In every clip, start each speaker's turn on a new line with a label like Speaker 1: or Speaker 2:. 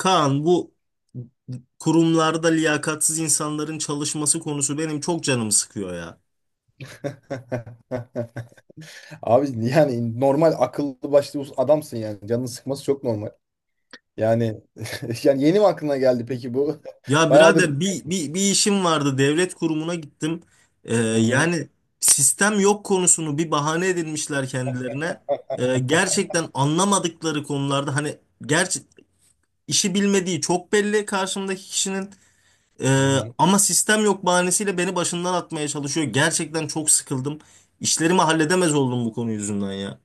Speaker 1: Kaan, bu kurumlarda liyakatsiz insanların çalışması konusu benim çok canımı sıkıyor ya.
Speaker 2: Abi, yani normal akıllı başlı adamsın yani. Canını sıkması çok normal. Yani yani yeni mi aklına geldi peki bu?
Speaker 1: Ya
Speaker 2: Bayağıdır.
Speaker 1: birader bir işim vardı, devlet kurumuna gittim. Ee,
Speaker 2: Hı hı.
Speaker 1: yani sistem yok konusunu bir bahane edinmişler kendilerine. Gerçekten anlamadıkları konularda, hani gerçi işi bilmediği çok belli karşımdaki kişinin.
Speaker 2: Hı hı.
Speaker 1: Ama sistem yok bahanesiyle beni başından atmaya çalışıyor. Gerçekten çok sıkıldım. İşlerimi halledemez oldum bu konu yüzünden ya.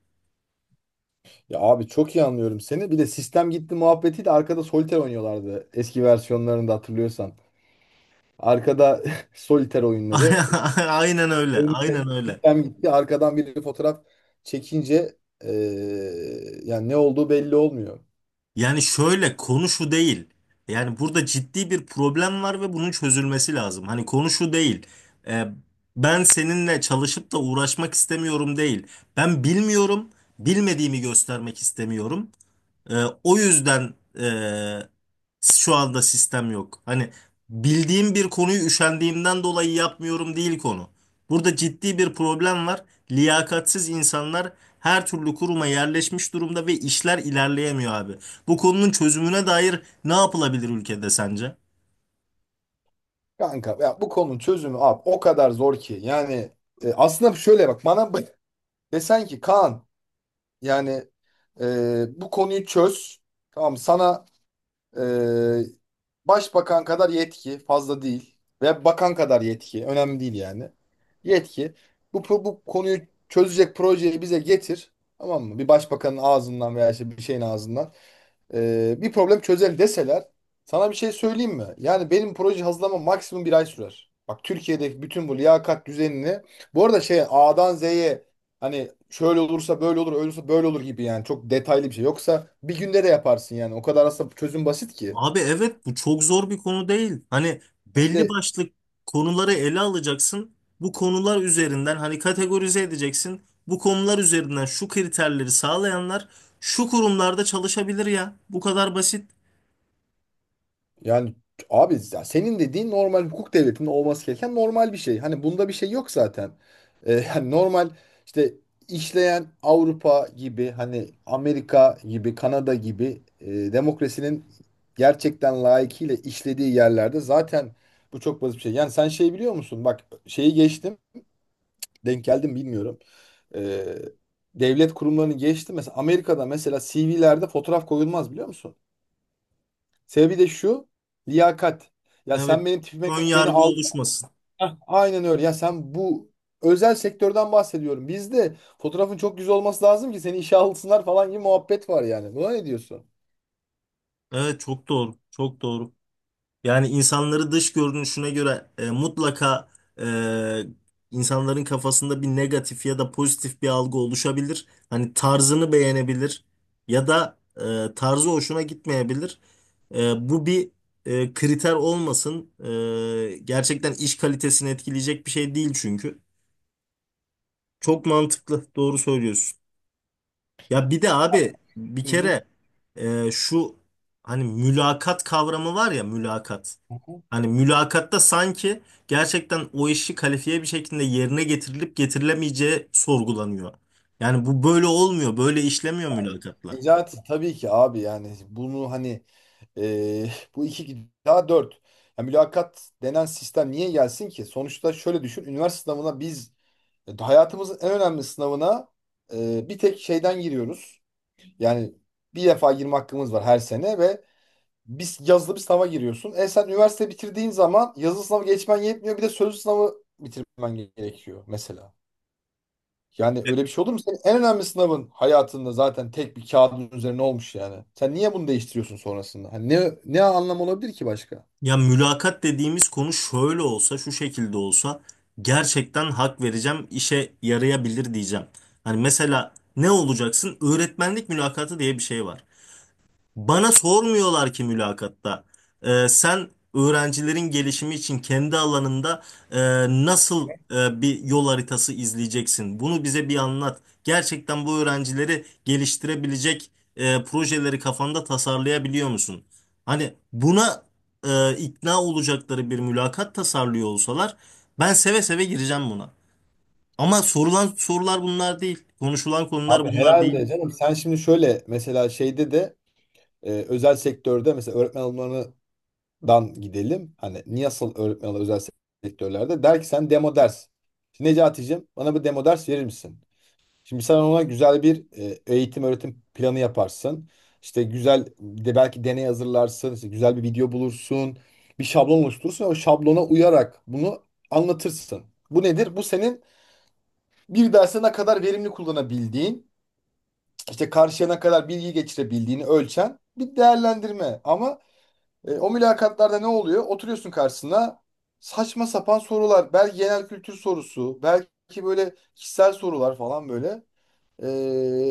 Speaker 2: Ya abi, çok iyi anlıyorum seni. Bir de sistem gitti muhabbetiyle arkada soliter oynuyorlardı. Eski versiyonlarında hatırlıyorsan. Arkada soliter oyunları.
Speaker 1: Aynen öyle.
Speaker 2: Önde
Speaker 1: Aynen öyle.
Speaker 2: sistem gitti. Arkadan biri fotoğraf çekince eee, yani ne olduğu belli olmuyor.
Speaker 1: Yani şöyle, konu şu değil. Yani burada ciddi bir problem var ve bunun çözülmesi lazım. Hani konu şu değil. Ee, Ben seninle çalışıp da uğraşmak istemiyorum değil. Ben bilmiyorum, bilmediğimi göstermek istemiyorum. Ee, o yüzden e, şu anda sistem yok. Hani bildiğim bir konuyu üşendiğimden dolayı yapmıyorum değil konu. Burada ciddi bir problem var. Liyakatsiz insanlar her türlü kuruma yerleşmiş durumda ve işler ilerleyemiyor abi. Bu konunun çözümüne dair ne yapılabilir ülkede sence?
Speaker 2: Kanka, ya bu konunun çözümü abi o kadar zor ki yani aslında şöyle bak bana desen ki Kaan, yani bu konuyu çöz, tamam, sana ee, başbakan kadar yetki fazla değil ve bakan kadar yetki önemli değil yani. Yetki bu konuyu çözecek projeyi bize getir, tamam mı? Bir başbakanın ağzından veya işte bir şeyin ağzından bir problem çözelim deseler, sana bir şey söyleyeyim mi? Yani benim proje hazırlama maksimum bir ay sürer. Bak, Türkiye'deki bütün bu liyakat düzenini, bu arada şey, A'dan Z'ye, hani şöyle olursa böyle olur, öyle olursa böyle olur gibi, yani çok detaylı bir şey. Yoksa bir günde de yaparsın yani. O kadar aslında çözüm basit ki.
Speaker 1: Abi evet, bu çok zor bir konu değil. Hani belli
Speaker 2: İşte,
Speaker 1: başlı konuları ele alacaksın. Bu konular üzerinden hani kategorize edeceksin. Bu konular üzerinden şu kriterleri sağlayanlar şu kurumlarda çalışabilir ya. Bu kadar basit.
Speaker 2: yani abi, ya senin dediğin normal hukuk devletinin olması gereken normal bir şey. Hani bunda bir şey yok zaten. Yani normal, işte işleyen Avrupa gibi, hani Amerika gibi, Kanada gibi, demokrasinin gerçekten layıkıyla işlediği yerlerde zaten bu çok basit bir şey. Yani sen şey biliyor musun? Bak, şeyi geçtim, denk geldim bilmiyorum. Ee, devlet kurumlarını geçti. Mesela Amerika'da mesela CV'lerde fotoğraf koyulmaz, biliyor musun? Sebebi de şu. Liyakat. Ya
Speaker 1: Evet.
Speaker 2: sen benim tipime
Speaker 1: Ön
Speaker 2: göre beni
Speaker 1: yargı
Speaker 2: al.
Speaker 1: oluşmasın.
Speaker 2: Heh, aynen öyle. Ya sen bu, özel sektörden bahsediyorum. Bizde fotoğrafın çok güzel olması lazım ki seni işe alsınlar falan gibi muhabbet var yani. Buna ne diyorsun?
Speaker 1: Evet, çok doğru. Çok doğru. Yani insanları dış görünüşüne göre mutlaka e, insanların kafasında bir negatif ya da pozitif bir algı oluşabilir. Hani tarzını beğenebilir ya da tarzı hoşuna gitmeyebilir. Bu bir kriter olmasın. Gerçekten iş kalitesini etkileyecek bir şey değil çünkü. Çok mantıklı, doğru söylüyorsun. Ya bir de abi bir
Speaker 2: Hı hı.
Speaker 1: kere şu hani mülakat kavramı var ya, mülakat. Hani mülakatta sanki gerçekten o işi kalifiye bir şekilde yerine getirilip getirilemeyeceği sorgulanıyor. Yani bu böyle olmuyor, böyle işlemiyor mülakatlar.
Speaker 2: Necati, tabii ki abi, yani bunu hani, e, bu iki daha dört. Yani mülakat denen sistem niye gelsin ki? Sonuçta şöyle düşün. Üniversite sınavına biz, hayatımızın en önemli sınavına, bir tek şeyden giriyoruz. Yani bir defa girme hakkımız var her sene ve biz yazılı bir sınava giriyorsun. E sen üniversite bitirdiğin zaman yazılı sınavı geçmen yetmiyor. Bir de sözlü sınavı bitirmen gerekiyor mesela. Yani
Speaker 1: Evet.
Speaker 2: öyle bir şey olur mu? Senin en önemli sınavın hayatında zaten tek bir kağıdın üzerine olmuş yani. Sen niye bunu değiştiriyorsun sonrasında? Hani ne anlam olabilir ki başka?
Speaker 1: Ya mülakat dediğimiz konu şöyle olsa, şu şekilde olsa, gerçekten hak vereceğim, işe yarayabilir diyeceğim. Hani mesela ne olacaksın? Öğretmenlik mülakatı diye bir şey var. Bana sormuyorlar ki mülakatta. Sen öğrencilerin gelişimi için kendi alanında e, nasıl bir yol haritası izleyeceksin? Bunu bize bir anlat. Gerçekten bu öğrencileri geliştirebilecek projeleri kafanda tasarlayabiliyor musun? Hani buna ikna olacakları bir mülakat tasarlıyor olsalar, ben seve seve gireceğim buna. Ama sorulan sorular bunlar değil. Konuşulan konular
Speaker 2: Abi
Speaker 1: bunlar değil.
Speaker 2: herhalde canım, sen şimdi şöyle mesela şeyde de, özel sektörde mesela öğretmen alımlarından gidelim. Hani niye asıl öğretmen alımları özel sektörlerde der ki sen demo ders. Necati'cim, bana bir demo ders verir misin? Şimdi sen ona güzel bir eğitim öğretim planı yaparsın. İşte güzel de belki deney hazırlarsın, işte güzel bir video bulursun, bir şablon oluşturursun ve o şablona uyarak bunu anlatırsın. Bu nedir? Bu senin bir derse ne kadar verimli kullanabildiğin, işte karşıya ne kadar bilgi geçirebildiğini ölçen bir değerlendirme. Ama o mülakatlarda ne oluyor? Oturuyorsun karşısına, saçma sapan sorular. Belki genel kültür sorusu, belki böyle kişisel sorular falan böyle. Ee,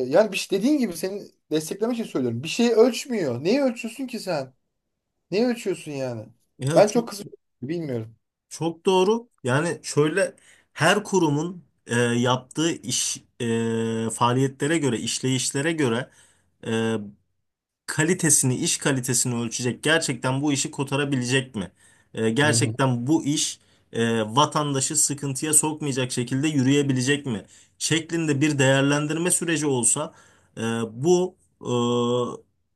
Speaker 2: yani bir şey, dediğin gibi seni desteklemek için söylüyorum. Bir şeyi ölçmüyor. Neyi ölçüyorsun ki sen? Neyi ölçüyorsun yani?
Speaker 1: Ya
Speaker 2: Ben
Speaker 1: çok.
Speaker 2: çok kızıyorum. Bilmiyorum.
Speaker 1: Çok doğru. Yani şöyle, her kurumun yaptığı iş faaliyetlere göre, işleyişlere göre kalitesini, iş kalitesini ölçecek. Gerçekten bu işi kotarabilecek mi? E,
Speaker 2: Hı hı.
Speaker 1: gerçekten bu iş vatandaşı sıkıntıya sokmayacak şekilde yürüyebilecek mi? Şeklinde bir değerlendirme süreci olsa, e, bu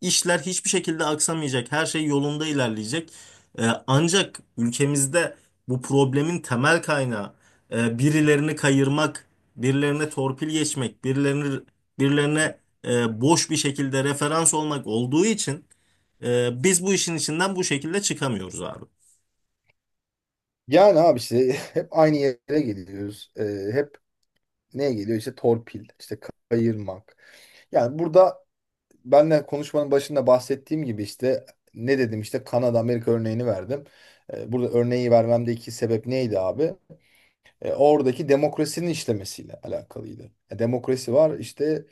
Speaker 1: e, işler hiçbir şekilde aksamayacak. Her şey yolunda ilerleyecek. Ancak ülkemizde bu problemin temel kaynağı birilerini kayırmak, birilerine torpil geçmek, birilerine boş bir şekilde referans olmak olduğu için biz bu işin içinden bu şekilde çıkamıyoruz abi.
Speaker 2: Yani abi, işte hep aynı yere geliyoruz. Hep neye geliyor? İşte torpil, işte kayırmak. Yani burada, benle konuşmanın başında bahsettiğim gibi işte ne dedim, işte Kanada, Amerika örneğini verdim. Burada örneği vermemdeki sebep neydi abi? Oradaki demokrasinin işlemesiyle alakalıydı. E, demokrasi var işte.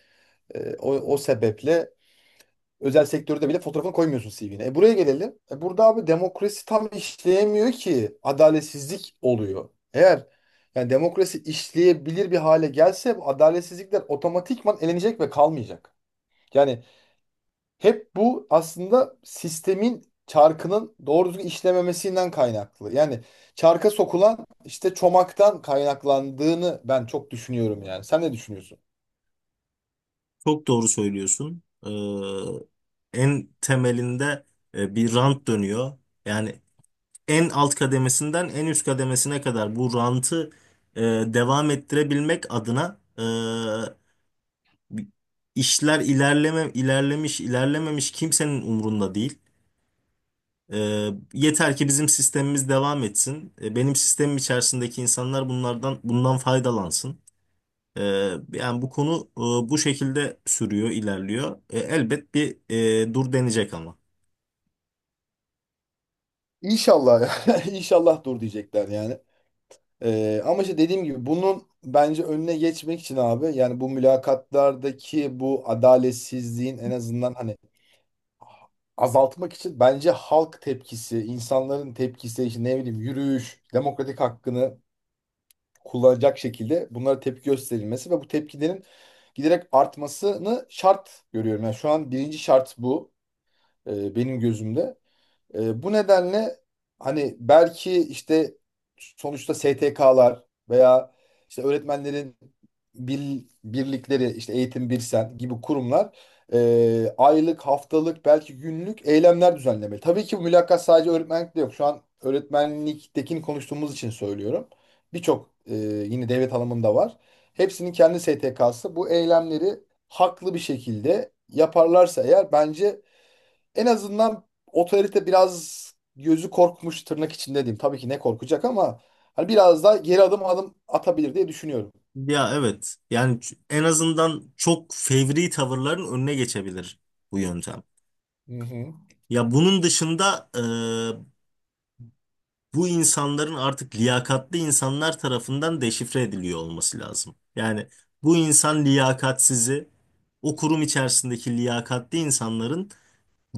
Speaker 2: E, o sebeple özel sektörde bile fotoğrafını koymuyorsun CV'ne. E, buraya gelelim. E, burada abi demokrasi tam işleyemiyor ki. Adaletsizlik oluyor. Eğer yani demokrasi işleyebilir bir hale gelse bu adaletsizlikler otomatikman elenecek ve kalmayacak. Yani hep bu aslında sistemin çarkının doğru düzgün işlememesinden kaynaklı. Yani çarka sokulan işte çomaktan kaynaklandığını ben çok düşünüyorum yani. Sen ne düşünüyorsun?
Speaker 1: Çok doğru söylüyorsun. En temelinde bir rant dönüyor. Yani en alt kademesinden en üst kademesine kadar bu rantı e, devam ettirebilmek adına, işler ilerlemiş ilerlememiş kimsenin umrunda değil. Yeter ki bizim sistemimiz devam etsin. Benim sistemim içerisindeki insanlar bundan faydalansın. Ee, yani bu konu bu şekilde sürüyor, ilerliyor. E, elbet bir dur denecek ama.
Speaker 2: İnşallah ya. İnşallah dur diyecekler yani. Ama işte dediğim gibi bunun bence önüne geçmek için abi, yani bu mülakatlardaki bu adaletsizliğin en azından hani azaltmak için, bence halk tepkisi, insanların tepkisi, işte ne bileyim yürüyüş, demokratik hakkını kullanacak şekilde bunlara tepki gösterilmesi ve bu tepkilerin giderek artmasını şart görüyorum. Yani şu an birinci şart bu, benim gözümde. E, bu nedenle hani belki işte sonuçta STK'lar veya işte öğretmenlerin birlikleri, işte Eğitim Birsen gibi kurumlar aylık, haftalık, belki günlük eylemler düzenlemeli. Tabii ki bu mülakat sadece öğretmenlikte yok. Şu an öğretmenliktekini konuştuğumuz için söylüyorum. Birçok yine devlet alımında var. Hepsinin kendi STK'sı. Bu eylemleri haklı bir şekilde yaparlarsa eğer, bence en azından otorite biraz gözü korkmuş, tırnak içinde diyeyim. Tabii ki ne korkacak ama hani biraz daha geri adım atabilir diye düşünüyorum.
Speaker 1: Ya evet. Yani en azından çok fevri tavırların önüne geçebilir bu yöntem.
Speaker 2: Hı hı.
Speaker 1: Ya bunun dışında bu insanların artık liyakatli insanlar tarafından deşifre ediliyor olması lazım. Yani bu insan liyakatsizi, o kurum içerisindeki liyakatli insanların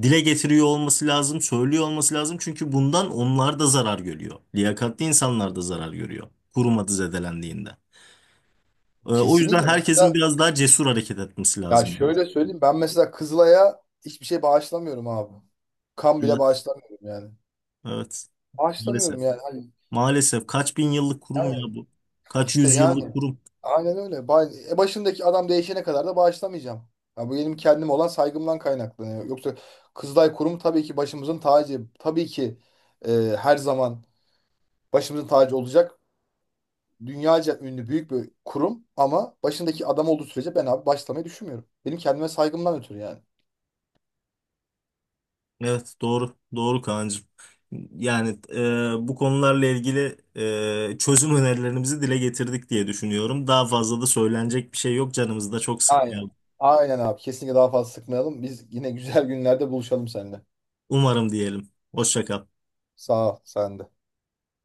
Speaker 1: dile getiriyor olması lazım, söylüyor olması lazım. Çünkü bundan onlar da zarar görüyor. Liyakatli insanlar da zarar görüyor kurum adı zedelendiğinde. O yüzden
Speaker 2: Kesinlikle,
Speaker 1: herkesin
Speaker 2: mesela
Speaker 1: biraz daha cesur hareket etmesi
Speaker 2: ya
Speaker 1: lazım, diyor.
Speaker 2: şöyle söyleyeyim, ben mesela Kızılay'a hiçbir şey bağışlamıyorum abi. Kan bile
Speaker 1: Evet,
Speaker 2: bağışlamıyorum yani.
Speaker 1: evet. Maalesef.
Speaker 2: Bağışlamıyorum yani. Hani,
Speaker 1: Maalesef, kaç bin yıllık kurum
Speaker 2: yani
Speaker 1: ya bu? Kaç
Speaker 2: işte,
Speaker 1: yüz yıllık
Speaker 2: yani
Speaker 1: kurum?
Speaker 2: aynen öyle. Başındaki adam değişene kadar da bağışlamayacağım. Ya bu benim kendim olan saygımdan kaynaklanıyor. Yoksa Kızılay Kurumu tabii ki başımızın tacı. Tabii ki e, her zaman başımızın tacı olacak. Dünyaca ünlü büyük bir kurum ama başındaki adam olduğu sürece ben abi başlamayı düşünmüyorum. Benim kendime saygımdan ötürü yani.
Speaker 1: Evet, doğru doğru Kaan'cığım. Yani bu konularla ilgili çözüm önerilerimizi dile getirdik diye düşünüyorum. Daha fazla da söylenecek bir şey yok, canımızı da çok
Speaker 2: Aynen.
Speaker 1: sıkmayalım.
Speaker 2: Aynen abi. Kesinlikle daha fazla sıkmayalım. Biz yine güzel günlerde buluşalım seninle.
Speaker 1: Umarım diyelim. Hoşça kal.
Speaker 2: Sağ ol sen de.